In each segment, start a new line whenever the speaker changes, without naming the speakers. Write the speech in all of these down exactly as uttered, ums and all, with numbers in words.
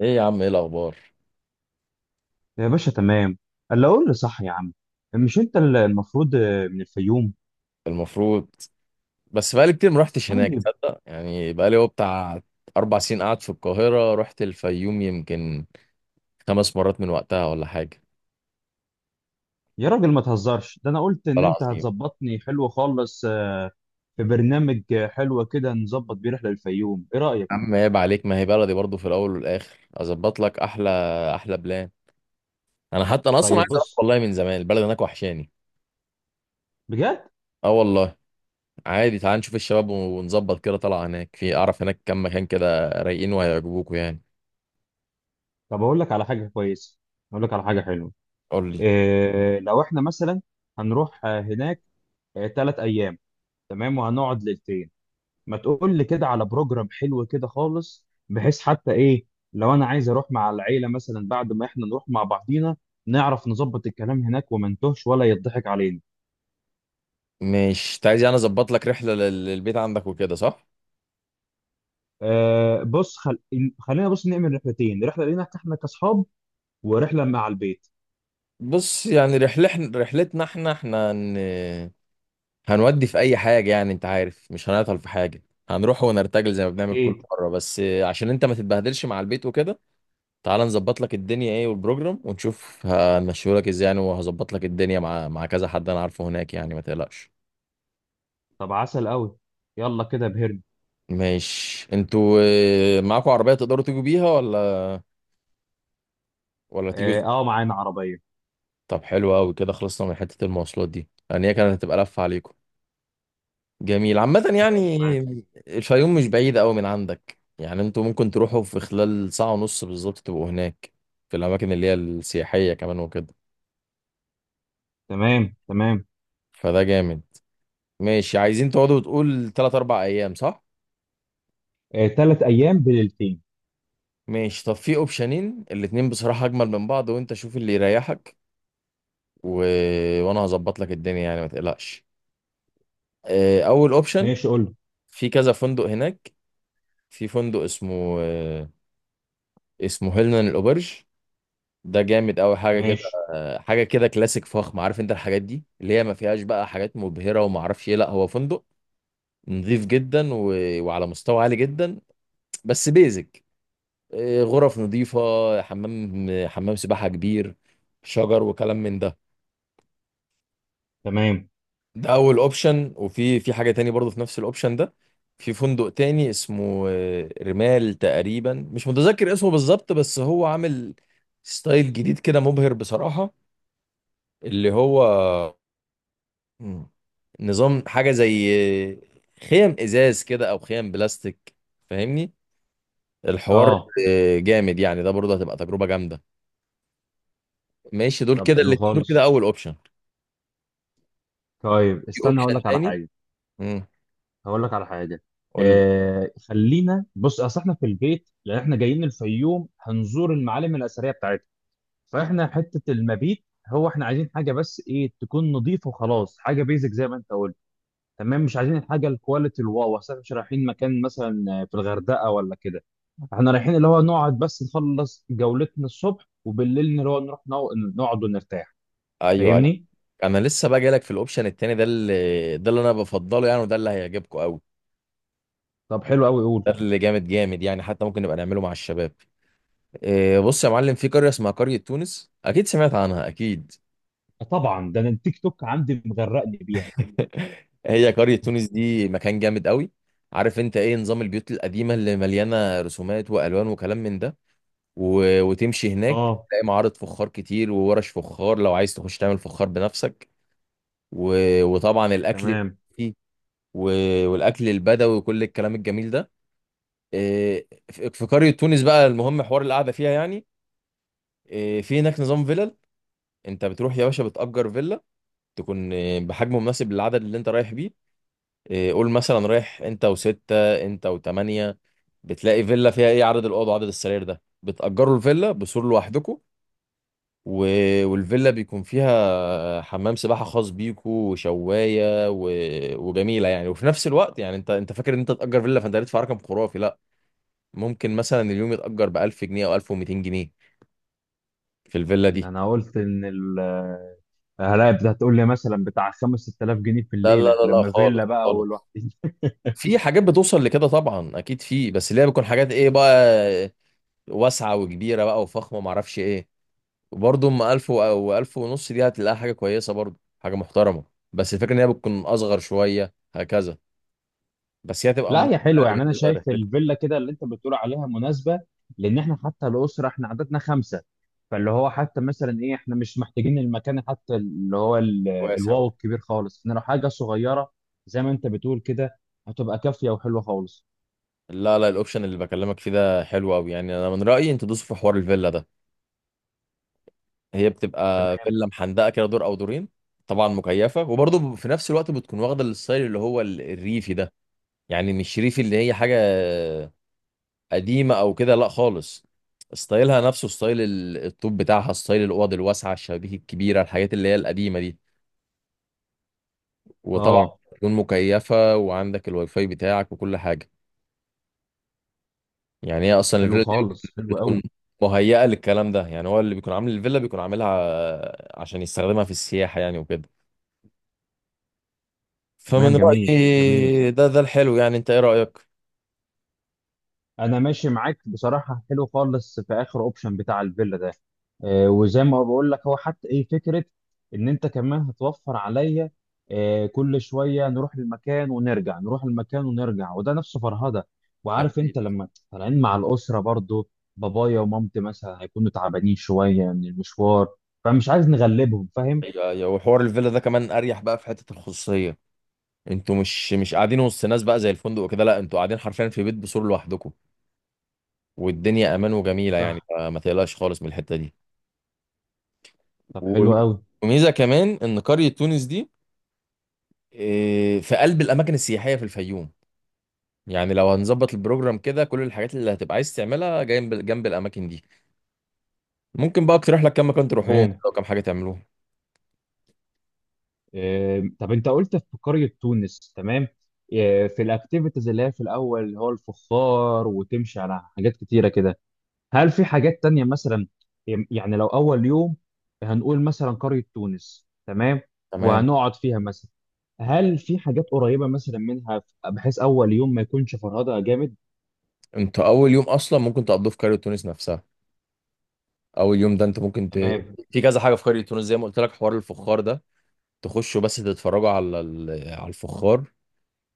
ايه يا عم، ايه الاخبار؟
يا باشا، تمام. اللي اقول لي صح يا عم. مش انت اللي المفروض آه، من الفيوم؟
المفروض. بس بقالي كتير ما رحتش هناك
طيب.
تصدق يعني، بقالي هو بتاع اربع سنين قاعد في القاهره، رحت الفيوم يمكن خمس مرات من وقتها ولا حاجه.
يا راجل ما تهزرش، ده انا قلت ان
والله
انت
العظيم يا
هتظبطني حلو خالص. آه، في برنامج آه، حلو كده نظبط بيه رحله للفيوم، ايه رايك؟
عم، عيب عليك، ما هي بلدي برضو في الاول والاخر. اظبط لك احلى احلى بلان. انا حتى انا اصلا عايز
طيب
اروح
بص.
والله، من زمان البلد هناك وحشاني.
بجد.
اه والله، عادي تعال نشوف الشباب ونظبط كده طلعه هناك، في اعرف هناك كم مكان كده رايقين وهيعجبوكوا يعني.
طب اقول لك على حاجه كويسه. اقول لك على حاجه حلوه.
قول لي.
إيه لو احنا مثلا هنروح آه، هناك ثلاث ايام؟ تمام، وهنقعد ليلتين. ما تقول لي كده على بروجرام حلو كده خالص، بحيث حتى ايه لو انا عايز اروح مع العيله مثلا بعد ما احنا نروح مع بعضينا، نعرف نظبط الكلام هناك وما نتوهش ولا يضحك علينا.
مش عايز يعني اظبط لك رحله لل- للبيت عندك وكده، صح؟
آه بص. خل... خلينا بص نعمل رحلتين، رحله لينا احنا كاصحاب ورحله مع البيت.
بص يعني رحلتنا رحلتنا احنا احنا هن... هنودي في اي حاجه يعني، انت عارف مش هنعطل في حاجه، هنروح ونرتجل زي ما بنعمل كل
اكيد.
مره، بس عشان انت ما تتبهدلش مع البيت وكده تعال نظبط لك الدنيا ايه والبروجرام، ونشوف هنمشيه لك ازاي يعني، وهظبط لك الدنيا مع مع كذا حد انا عارفه هناك يعني، ما تقلقش.
طب عسل قوي. يلا كده بهرن.
ماشي. انتوا اه، معاكوا عربيه تقدروا تيجوا بيها ولا ولا تيجوا
اه،
ازاي؟
آه، معانا عربيه.
طب حلو قوي كده، خلصنا من حته المواصلات دي يعني، هي كانت هتبقى لفه عليكم. جميل عامة
ماشي
يعني.
معاك.
الفيوم مش بعيدة أوي من عندك يعني، انتوا ممكن تروحوا في خلال ساعة ونص بالظبط تبقوا هناك في الأماكن اللي هي السياحية كمان وكده.
تمام، تمام.
فده جامد. ماشي، عايزين تقعدوا تقول تلات أربع أيام صح؟
آه، ثلاث ايام بليلتين.
ماشي، طب في أوبشنين الاتنين بصراحة أجمل من بعض، وأنت شوف اللي يريحك و... وأنا هظبط لك الدنيا يعني ما تقلقش. آه، أول أوبشن،
ماشي، قول.
في كذا فندق هناك، في فندق اسمه آه، اسمه هيلنان الأوبرج. ده جامد قوي حاجه كده،
ماشي.
حاجه كده كلاسيك فخم، عارف انت الحاجات دي اللي هي ما فيهاش بقى حاجات مبهره وما اعرفش ايه، لا هو فندق نظيف جدا و... وعلى مستوى عالي جدا، بس بيزك. إيه، غرف نظيفه، حمام، حمام سباحه كبير، شجر وكلام من ده.
تمام.
ده اول اوبشن، وفي في حاجه تاني برضه في نفس الاوبشن ده، في فندق تاني اسمه آه، رمال تقريبا، مش متذكر اسمه بالظبط، بس هو عامل ستايل جديد كده مبهر بصراحه، اللي هو مم. نظام حاجة زي خيم ازاز كده او خيم بلاستيك، فاهمني الحوار.
اه.
آه، جامد يعني، ده برضه هتبقى تجربة جامدة. ماشي، دول
طب
كده
حلو
الاتنين دول كده
خالص.
اول اوبشن،
طيب
في
استنى، هقول
اوبشن
لك على
تاني.
حاجه.
امم
هقول لك على حاجه.
قول لي.
آه خلينا بص، اصل احنا في البيت لان احنا جايين الفيوم هنزور المعالم الاثريه بتاعتها. فاحنا حته المبيت، هو احنا عايزين حاجه بس ايه تكون نظيفه وخلاص، حاجه بيزك زي ما انت قلت. تمام. مش عايزين الحاجه الكواليتي الواو، اصل احنا مش رايحين مكان مثلا في الغردقه ولا كده. احنا رايحين اللي هو نقعد بس نخلص جولتنا الصبح، وبالليل اللي هو نروح نو- نقعد ونرتاح.
ايوه ايوه،
فاهمني.
انا لسه بقى جايلك في الاوبشن التاني ده، اللي ده اللي انا بفضله يعني، وده اللي هيعجبكم قوي.
طب حلو قوي، قول.
ده اللي جامد جامد يعني، حتى ممكن نبقى نعمله مع الشباب. آه، بص يا معلم، في قرية اسمها قرية تونس، اكيد سمعت عنها اكيد.
طبعا، ده انا التيك توك عندي مغرقني بيها.
هي قرية تونس دي مكان جامد قوي، عارف انت ايه نظام البيوت القديمة اللي مليانة رسومات والوان وكلام من ده، و... وتمشي هناك
اه.
تلاقي معارض فخار كتير وورش فخار لو عايز تخش تعمل فخار بنفسك، و... وطبعا الاكل
تمام.
فيه، و... والاكل البدوي وكل الكلام الجميل ده. إيه، في في قرية تونس بقى، المهم حوار القعدة فيها يعني. إيه، في هناك نظام فيلل، انت بتروح يا باشا بتأجر فيلا تكون إيه، بحجم مناسب للعدد اللي انت رايح بيه. إيه، قول مثلا رايح انت وستة انت وتمانية، بتلاقي فيلا فيها ايه عدد الاوض وعدد السرير ده، بتأجروا الفيلا بسور لوحدكم و... والفيلا بيكون فيها حمام سباحة خاص بيكو وشواية و... وجميلة يعني، وفي نفس الوقت يعني انت انت فاكر ان انت تأجر فيلا فانت هتدفع رقم خرافي، لا. ممكن مثلا اليوم يتأجر ب ألف جنيه او ألف ومئتين جنيه في الفيلا
ده
دي.
انا قلت ان ال هلاقي بت- هتقول لي مثلا بتاع خمسه سته الاف جنيه في
لا لا
الليله
لا لا
لما فيلا
خالص
بقى
خالص،
والوحدين.
في حاجات بتوصل لكده طبعا اكيد في، بس اللي هي بتكون حاجات ايه بقى، واسعة وكبيرة بقى وفخمة معرفش ايه. برضه ام ألف و- او ألف ونص دي هتلاقيها حاجه كويسه برضه، حاجه محترمه، بس الفكره ان هي بتكون اصغر شويه هكذا، بس هي هتبقى
لا
مناسبه
يا حلوه،
يعني
يعني انا
بالنسبه
شايف
لرحلتك.
الفيلا كده اللي انت بتقول عليها مناسبه. لان احنا حتى الاسره احنا عددنا خمسه. فاللي هو حتى مثلا ايه، احنا مش محتاجين المكان حتى اللي هو ال-
واسع
الواو
وكده.
الكبير خالص. احنا لو حاجه صغيره زي ما انت بتقول كده، هتبقى كافيه وحلوه خالص.
لا لا، الاوبشن اللي بكلمك فيه ده حلو قوي يعني، انا من رايي انت تدوس في حوار الفيلا ده. هي بتبقى
تمام.
فيلا محندقه كده، دور او دورين، طبعا مكيفه، وبرضه في نفس الوقت بتكون واخده الستايل اللي هو ال- الريفي ده. يعني مش ريفي اللي هي حاجه قديمه او كده، لا خالص، ستايلها نفسه ستايل ال- الطوب بتاعها، ستايل الاوض الواسعه، الشبابيك الكبيره، الحاجات اللي هي القديمه دي، وطبعا
اه،
تكون مكيفه، وعندك الواي فاي بتاعك وكل حاجه. يعني هي اصلا
حلو
الفيلا
خالص،
دي
حلو
بتكون
قوي.
مهيئه للكلام ده يعني، هو اللي بيكون عامل الفيلا بيكون عاملها عشان يستخدمها في السياحه يعني وكده.
تمام،
فمن
جميل جميل.
رايي ده ده الحلو يعني، انت ايه رايك؟
انا ماشي معاك بصراحه، حلو خالص في اخر اوبشن بتاع الفيلا ده. آه، وزي ما بقول لك، هو حتى ايه فكره ان انت كمان هتوفر عليا. آه، كل شويه نروح المكان ونرجع، نروح المكان ونرجع، وده نفسه فرهده. وعارف انت
اكيد.
لما طالعين مع الاسره برضو، بابايا ومامتي مثلا هيكونوا تعبانين شويه من المشوار، فمش عايز نغلبهم، فاهم.
ايوه ايوه، وحوار الفيلا ده كمان اريح بقى في حته الخصوصيه، انتوا مش مش قاعدين وسط ناس بقى زي الفندق وكده، لا انتوا قاعدين حرفيا في بيت بسور لوحدكم، والدنيا امان وجميله يعني،
صح.
فما تقلقش خالص من الحته دي.
طب
و-
حلو قوي.
وميزه كمان ان قريه تونس دي، اه، في قلب الاماكن السياحيه في الفيوم، يعني لو هنظبط البروجرام كده كل الحاجات اللي هتبقى عايز تعملها جنب جنب الاماكن دي. ممكن بقى اقترح لك كم مكان تروحوهم
تمام.
او كم حاجه تعملوها.
آم، طب انت قلت في قرية تونس، تمام. آه، في الاكتيفيتيز اللي هي في الاول اللي هو الفخار، وتمشي على حاجات كتيرة كده. هل في حاجات تانية مثلا؟ يعني لو اول يوم هنقول مثلا قرية تونس، تمام،
تمام.
وهنقعد فيها مثلا، هل في حاجات قريبة مثلا منها بحيث اول يوم ما يكونش فرهدة جامد؟
انتوا اول يوم اصلا ممكن تقضوه في قريه تونس نفسها، اول يوم ده انت ممكن ت...
تمام.
في كذا حاجه في قريه تونس زي ما قلت لك، حوار الفخار ده، تخشوا بس تتفرجوا على ال- على الفخار،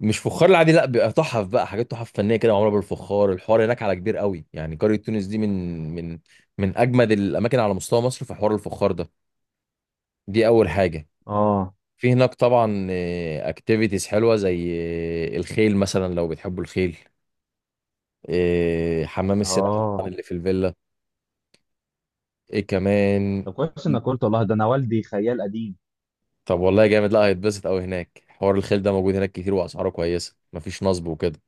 مش فخار العادي لا، بيبقى تحف بقى، حاجات تحف فنيه كده معموله بالفخار، الحوار هناك على كبير قوي يعني، قريه تونس دي من من من اجمد الاماكن على مستوى مصر في حوار الفخار ده، دي اول حاجه.
اه.
في هناك طبعا اكتيفيتيز حلوه زي آه، الخيل مثلا لو بتحبوا الخيل، آه، حمام السباحه طبعاً
اه.
اللي في الفيلا، ايه كمان.
طب كويس انك قلت، والله ده انا والدي خيال قديم.
طب والله جامد، لا هيتبسط قوي هناك، حوار الخيل ده موجود هناك كتير، واسعاره كويسه، مفيش نصب وكده.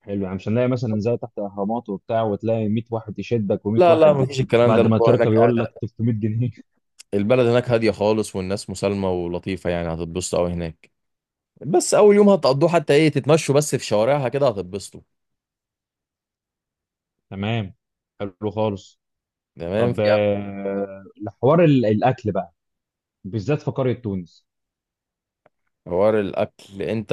حلو، يعني مش هنلاقي مثلا زي تحت اهرامات وبتاع وتلاقي مية واحد يشدك و100
لا لا،
واحد
مفيش الكلام ده،
بعد ما
الموضوع هناك
تركب
قاعد.
يقول لك تلتمية جنيه؟
البلد هناك هادية خالص، والناس مسالمة ولطيفة يعني، هتتبسطوا أوي هناك. بس أول يوم هتقضوه حتى إيه، تتمشوا بس في شوارعها كده هتتبسطوا.
تمام، حلو خالص.
تمام.
طب
في
آه، حوار ال- الاكل بقى، بالذات في قريه تونس.
حوار الأكل أنت،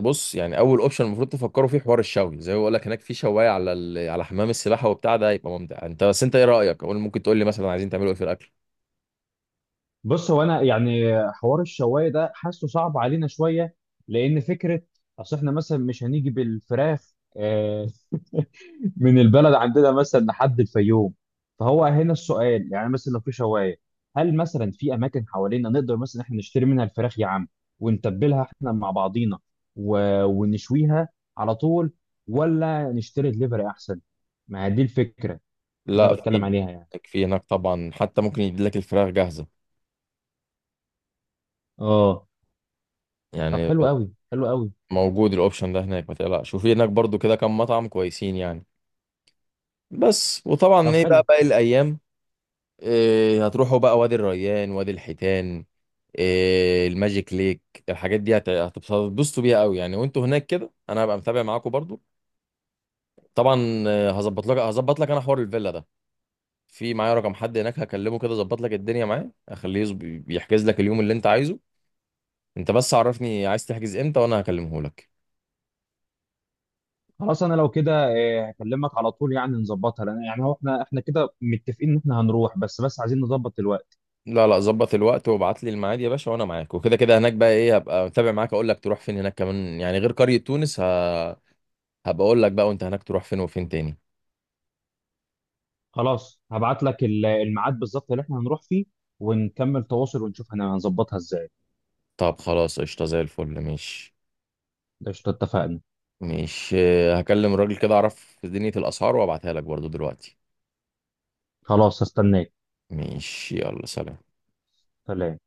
بص يعني أول أوبشن المفروض تفكروا فيه حوار الشوي، زي ما بقول لك هناك في شواية على ال... على حمام السباحة وبتاع، ده هيبقى ممتع. أنت بس أنت إيه رأيك أقول؟ ممكن تقول لي مثلا عايزين تعملوا إيه في الأكل؟
بص هو انا يعني حوار الشوايه ده حاسه صعب علينا شويه، لان فكره اصل احنا مثلا مش هنيجي بالفراخ آه، من البلد عندنا مثلا لحد الفيوم. فهو هنا السؤال، يعني مثلا لو في شوايه، هل مثلا في اماكن حوالينا نقدر مثلا احنا نشتري منها الفراخ يا عم، ونتبلها احنا مع بعضينا و... ونشويها على طول، ولا نشتري دليفري احسن؟ ما هي دي الفكره اللي
لا،
انا بتكلم
في
عليها يعني.
في هناك طبعا، حتى ممكن يديلك الفراخ جاهزة
اه. طب
يعني.
حلو قوي، حلو قوي.
موجود الاوبشن ده هناك ما تقلقش، وفي هناك برضو كده كام مطعم كويسين يعني، بس. وطبعا
طب
ايه بقى
حلو.
باقي الايام، إيه هتروحوا بقى وادي الريان، وادي الحيتان، إيه الماجيك ليك، الحاجات دي هت- هتتبسطوا بيها قوي يعني، وانتوا هناك كده انا هبقى متابع معاكم برضو. طبعا آه، هظبط لك هظبط لك انا حوار الفيلا ده، في معايا رقم حد هناك هكلمه كده ظبط لك الدنيا معاه، اخليه يظب- يحجز لك اليوم اللي انت عايزه، انت بس عرفني عايز تحجز امتى وانا هكلمه لك.
خلاص انا لو كده آه، هكلمك على طول يعني نظبطها، لان يعني هو احنا احنا كده متفقين ان احنا هنروح، بس بس عايزين نظبط الوقت.
لا لا، ظبط الوقت وابعت لي الميعاد يا باشا وانا معاك، وكده كده هناك بقى ايه هبقى متابع معاك، اقول لك تروح فين هناك كمان يعني غير قرية تونس، ه... هبقى اقول لك بقى وانت هناك تروح فين وفين تاني.
خلاص هبعت لك ال- الميعاد بالظبط اللي احنا هنروح فيه، ونكمل تواصل ونشوف هن- هنظبطها ازاي.
طب خلاص قشطة زي الفل، مش
ده قشطة، اتفقنا.
مش هكلم الراجل كده اعرف دنيا الاسعار وابعتها لك برضو دلوقتي.
خلاص هستناك.
مش يلا سلام.
سلام.